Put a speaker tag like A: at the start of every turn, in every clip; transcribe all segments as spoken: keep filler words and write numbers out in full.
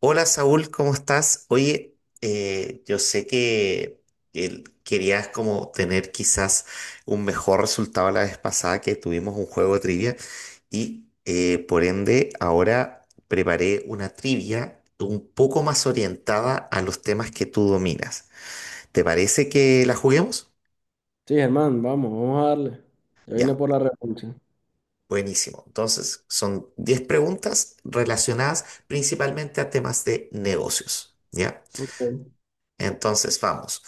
A: Hola Saúl, ¿cómo estás? Oye, eh, yo sé que el- querías como tener quizás un mejor resultado la vez pasada que tuvimos un juego de trivia y eh, por ende ahora preparé una trivia un poco más orientada a los temas que tú dominas. ¿Te parece que la juguemos?
B: Sí, Germán, vamos, vamos a darle. Yo
A: Ya,
B: vine por la revancha.
A: buenísimo. Entonces, son diez preguntas relacionadas principalmente a temas de negocios, ¿ya?
B: Ok.
A: Entonces, vamos.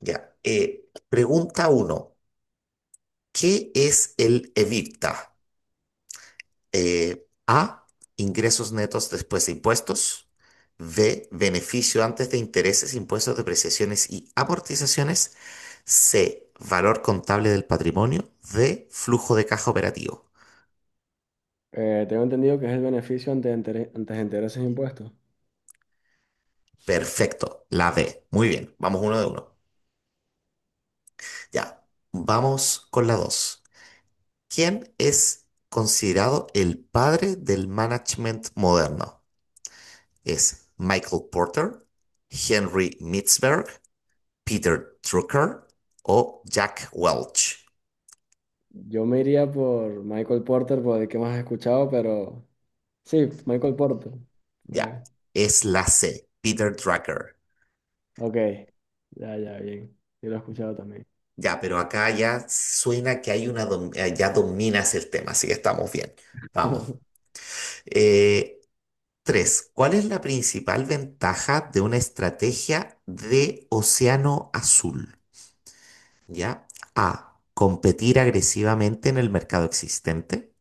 A: Ya. Eh, pregunta uno. ¿Qué es el EBITDA? Eh, A. Ingresos netos después de impuestos. B. Beneficio antes de intereses, impuestos, depreciaciones y amortizaciones. C. Valor contable del patrimonio. D. Flujo de caja operativo.
B: Eh, tengo entendido que es el beneficio ante, inter- ante intereses e impuestos.
A: Perfecto. La D. Muy bien. Vamos uno de uno. Ya. Vamos con la dos. ¿Quién es considerado el padre del management moderno? Es Michael Porter, Henry Mitzberg, Peter Drucker o Jack Welch.
B: Yo me iría por Michael Porter, por el que más he escuchado, pero sí, Michael Porter.
A: Ya,
B: Fue-
A: es la C, Peter Drucker.
B: Ok, ya, ya, bien. Yo lo he escuchado también.
A: Ya, pero acá ya suena que hay una dom- eh, ya dominas el tema, así que estamos bien. Vamos. Eh, Tres, ¿cuál es la principal ventaja de una estrategia de océano azul? Ya, A, competir agresivamente en el mercado existente.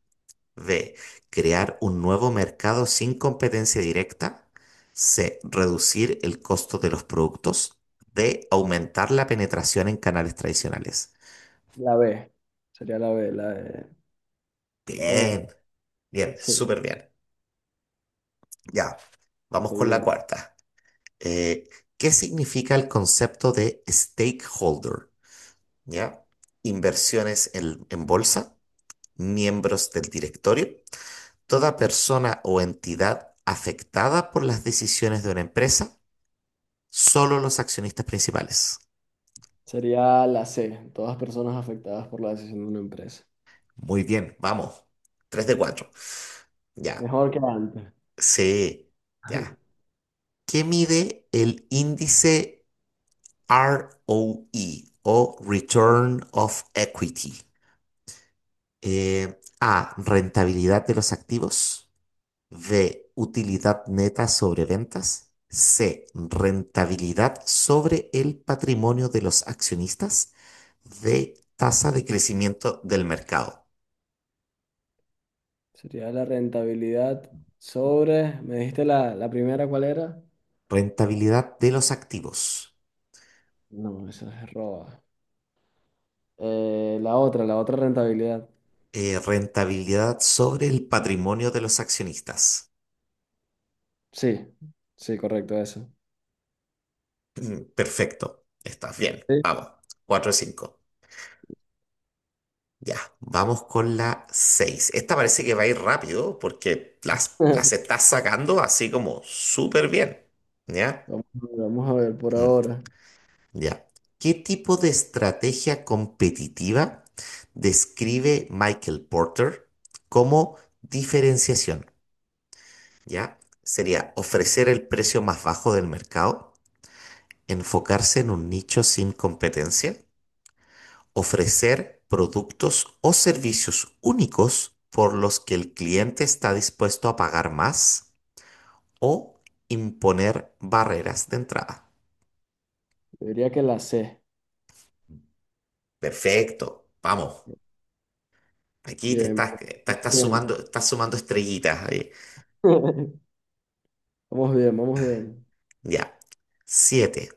A: B. Crear un nuevo mercado sin competencia directa. C. Reducir el costo de los productos. D. Aumentar la penetración en canales tradicionales.
B: La B, sería la B, la de... comen-
A: Bien, bien,
B: Sí,
A: súper bien. Ya, vamos con la
B: seguimos.
A: cuarta. Eh, ¿Qué significa el concepto de stakeholder? ¿Ya? Inversiones en, en bolsa, miembros del directorio, toda persona o entidad afectada por las decisiones de una empresa. Solo los accionistas principales.
B: Sería la C, todas personas afectadas por la decisión de una empresa.
A: Muy bien, vamos. Tres de cuatro. Ya.
B: Mejor que antes.
A: Sí, ya. ¿Qué mide el índice R O E o E o Return of Equity? Eh, A. Rentabilidad de los activos. B. Utilidad neta sobre ventas. C. Rentabilidad sobre el patrimonio de los accionistas. D. Tasa de crecimiento del mercado.
B: Sería la rentabilidad sobre, me dijiste la, la primera, ¿cuál era?
A: Rentabilidad de los activos.
B: No, esa es Roba. Eh, la otra, la otra rentabilidad.
A: Eh, rentabilidad sobre el patrimonio de los accionistas.
B: Sí, sí, correcto, eso.
A: Mm, perfecto. Estás bien.
B: Sí.
A: Vamos. Cuatro de cinco. Ya. Vamos con la seis. Esta parece que va a ir rápido porque las, las estás sacando así como súper bien. ¿Ya?
B: Vamos, a ver, vamos a ver por
A: Mm.
B: ahora.
A: Ya. ¿Qué tipo de estrategia competitiva describe Michael Porter como diferenciación? ¿Ya? Sería ofrecer el precio más bajo del mercado, enfocarse en un nicho sin competencia, ofrecer productos o servicios únicos por los que el cliente está dispuesto a pagar más o imponer barreras de entrada.
B: Yo diría que la C.
A: Perfecto, vamos. Aquí te
B: Bien,
A: estás, te estás
B: bien.
A: sumando, estás sumando estrellitas ahí.
B: Vamos bien. Vamos bien, vamos bien.
A: Ya. Siete.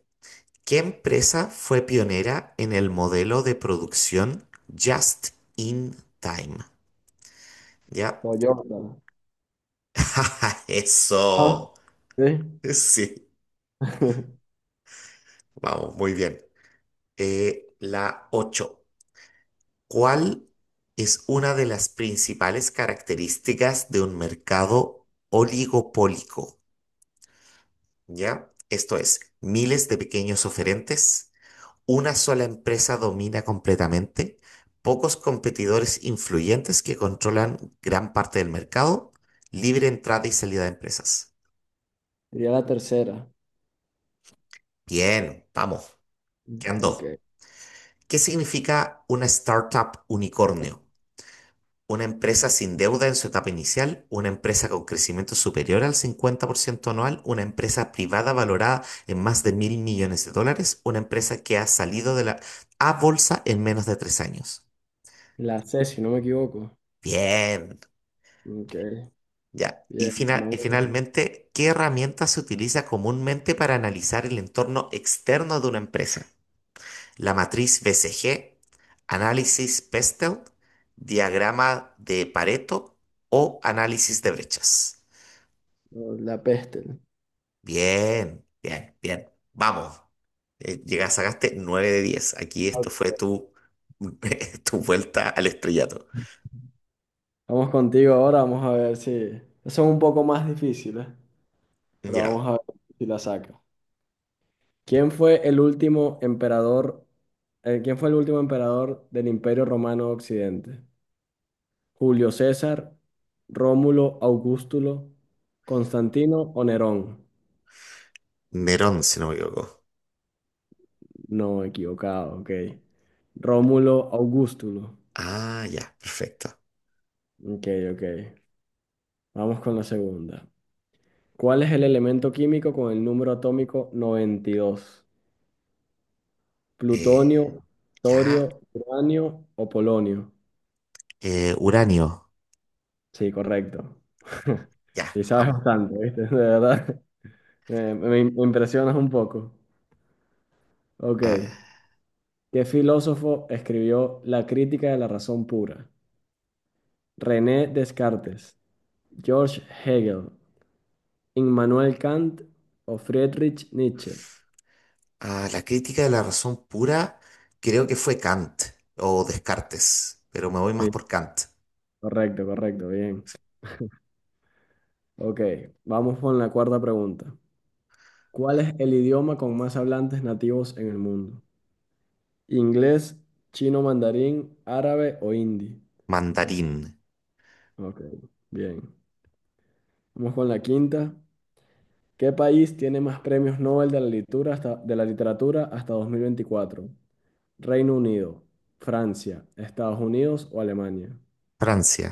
A: ¿Qué empresa fue pionera en el modelo de producción Just in Time? ¿Ya?
B: Toyota. Ah,
A: Eso.
B: sí.
A: Sí, vamos, muy bien. Eh, la ocho. ¿Cuál es una de las principales características de un mercado oligopólico? ¿Ya? Esto es, miles de pequeños oferentes. Una sola empresa domina completamente, pocos competidores influyentes que controlan gran parte del mercado, libre entrada y salida de empresas.
B: Diría la tercera.
A: Bien, vamos, ¿qué andó?
B: Ok.
A: ¿Qué significa una startup unicornio? Una empresa sin deuda en su etapa inicial, una empresa con crecimiento superior al cincuenta por ciento anual, una empresa privada valorada en más de mil millones de dólares, una empresa que ha salido de la A bolsa en menos de tres años.
B: La C, si no me equivoco.
A: Bien.
B: Ok.
A: Ya. Y,
B: Bien,
A: fina- y
B: vamos
A: finalmente, ¿qué herramienta se utiliza comúnmente para analizar el entorno externo de una empresa? La matriz B C G, análisis Pestel, diagrama de Pareto o análisis de brechas.
B: bien. La peste.
A: Bien, bien, bien. Vamos. Eh, llegaste, sacaste nueve de diez. Aquí esto fue tu, tu vuelta al estrellato.
B: Vamos contigo ahora, vamos a ver si. Son un poco más difíciles, pero
A: Ya.
B: vamos a ver si la saca. ¿Quién fue el último emperador, eh, quién fue el último emperador del Imperio Romano de Occidente? ¿Julio César, Rómulo, Augustulo, Constantino o Nerón?
A: Nerón, si no me equivoco.
B: No, equivocado, ok. Rómulo, Augustulo.
A: Ah, ya, perfecto.
B: Ok, ok. Vamos con la segunda. ¿Cuál es el elemento químico con el número atómico noventa y dos?
A: Eh,
B: Plutonio, torio,
A: ya.
B: uranio o polonio.
A: Eh, uranio.
B: Sí, correcto.
A: Ya,
B: Sí, sabes
A: vamos.
B: bastante, ¿viste? De verdad. Me, me- me impresionas un poco. Ok.
A: A,
B: ¿Qué filósofo escribió La crítica de la razón pura? René Descartes, George Hegel, Immanuel Kant o Friedrich Nietzsche.
A: a la crítica de la razón pura, creo que fue Kant o Descartes, pero me voy más
B: Sí,
A: por Kant.
B: correcto, correcto, bien. Ok, vamos con la cuarta pregunta. ¿Cuál es el idioma con más hablantes nativos en el mundo? Inglés, chino mandarín, árabe o hindi.
A: Mandarín,
B: Ok, bien. Vamos con la quinta. ¿Qué país tiene más premios Nobel de la literatura hasta, de la literatura hasta dos mil veinticuatro? Reino Unido, Francia, Estados Unidos o Alemania.
A: Francia,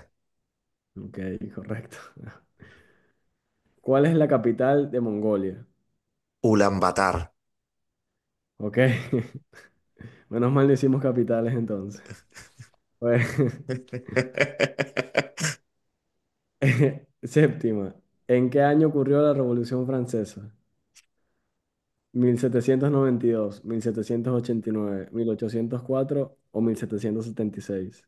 B: Ok, correcto. ¿Cuál es la capital de Mongolia?
A: Ulaanbaatar.
B: Ok, menos mal decimos capitales entonces. Pues, séptima. ¿En qué año ocurrió la Revolución Francesa? mil mil setecientos setecientos noventa y y dos, mil setecientos ochenta y nueve, mil ochocientos cuatro o mil setecientos setenta y seis.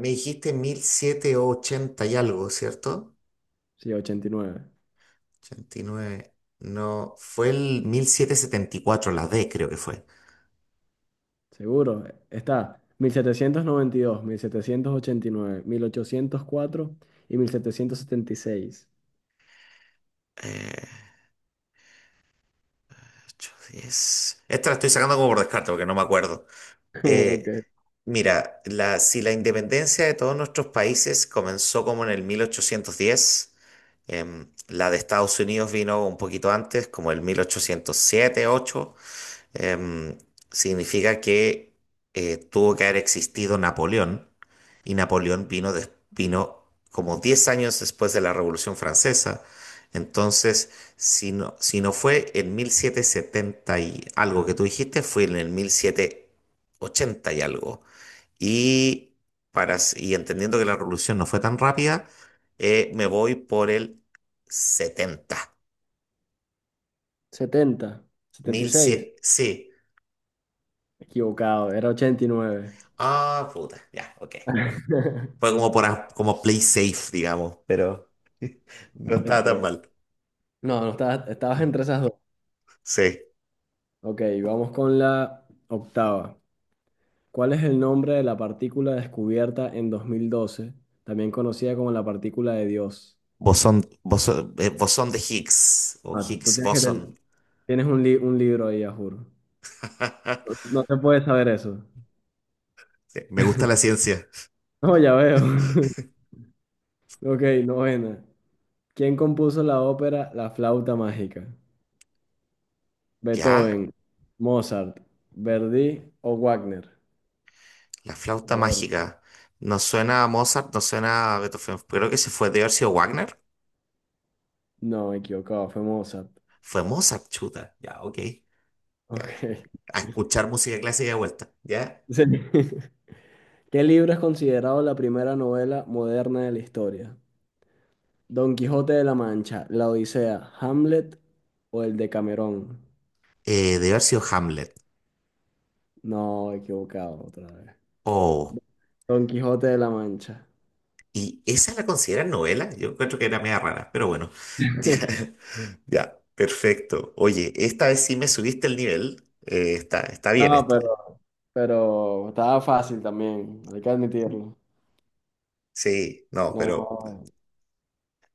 A: Me dijiste mil setecientos ochenta y algo, ¿cierto?
B: Sí, ochenta y nueve.
A: Ochenta y nueve. No, fue el mil setecientos setenta y cuatro la D creo que fue.
B: Seguro. Está mil setecientos noventa y dos, mil mil mil setecientos setecientos ochenta y y y nueve, mil ochocientos cuatro y mil setecientos setenta mil setecientos setenta y seis.
A: Eh, ocho, diez. Esta la estoy sacando como por descarte porque no me acuerdo. Eh,
B: Ok.
A: Mira, la, si la independencia de todos nuestros países comenzó como en el mil ochocientos diez, em, la de Estados Unidos vino un poquito antes, como el mil ochocientos siete ocho. em, Significa que eh, tuvo que haber existido Napoleón y Napoleón vino, des- vino como diez años después de la Revolución Francesa. Entonces, si no, si no fue en mil setecientos setenta y algo que tú dijiste, fue en el mil setecientos ochenta y algo. Y, para, y entendiendo que la revolución no fue tan rápida, eh, me voy por el setenta
B: Setenta, setenta y
A: mil
B: seis.
A: 1100. Sí.
B: Equivocado, era ochenta y nueve.
A: Ah, puta. Ya, ok. Fue como por a- como play safe, digamos, pero no estaba tan
B: Ok.
A: mal.
B: No, no estabas, estabas entre esas dos.
A: Sí.
B: Ok, vamos con la octava. ¿Cuál es el nombre de la partícula descubierta en dos mil doce, también conocida como la partícula de Dios?
A: Bosón, bosón, eh, bosón de Higgs o
B: Ah, tú
A: Higgs
B: tienes que
A: bosón.
B: ten- tienes un, li- un libro ahí, a juro. No, no te puedes saber eso.
A: Sí, me gusta la ciencia.
B: No, ya veo. Ok, novena. ¿Quién compuso la ópera La flauta mágica?
A: Ya,
B: ¿Beethoven, Mozart, Verdi o Wagner?
A: la flauta
B: Joder.
A: mágica. No suena a Mozart, no suena a Beethoven. Creo que se fue de haber sido Wagner.
B: No, me equivocaba, fue Mozart.
A: Fue Mozart, chuta. Ya, ok. Ya.
B: Ok.
A: A escuchar música clásica de vuelta. Ya.
B: Sí. ¿Qué libro es considerado la primera novela moderna de la historia? Don Quijote de la Mancha, La Odisea, Hamlet o el de Camerón.
A: Eh, de haber sido Hamlet.
B: No, equivocado otra vez.
A: Oh.
B: Don Quijote de la Mancha.
A: ¿Y esa la consideran novela? Yo encuentro que era media rara, pero bueno. Ya. Ya, perfecto. Oye, esta vez sí me subiste el nivel. Eh, está, está bien
B: No,
A: este.
B: pero, pero estaba fácil también, hay que admitirlo.
A: Sí, no, pero
B: No,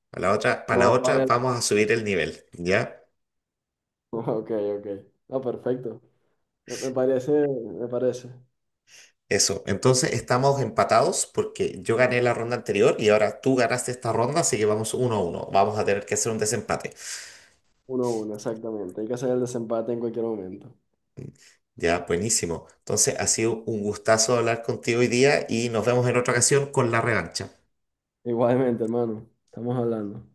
A: para la otra, para la
B: no
A: otra
B: vale
A: vamos a
B: la
A: subir el nivel, ¿ya?
B: Ok, ok. No, perfecto. Me, me parece, me parece.
A: Eso. Entonces estamos empatados porque yo gané la ronda anterior y ahora tú ganaste esta ronda, así que vamos uno a uno. Vamos a tener que hacer un desempate.
B: Uno a uno, exactamente. Hay que hacer el desempate en cualquier momento.
A: Ya, buenísimo. Entonces ha sido un gustazo hablar contigo hoy día y nos vemos en otra ocasión con la revancha.
B: Igualmente, hermano. Estamos hablando.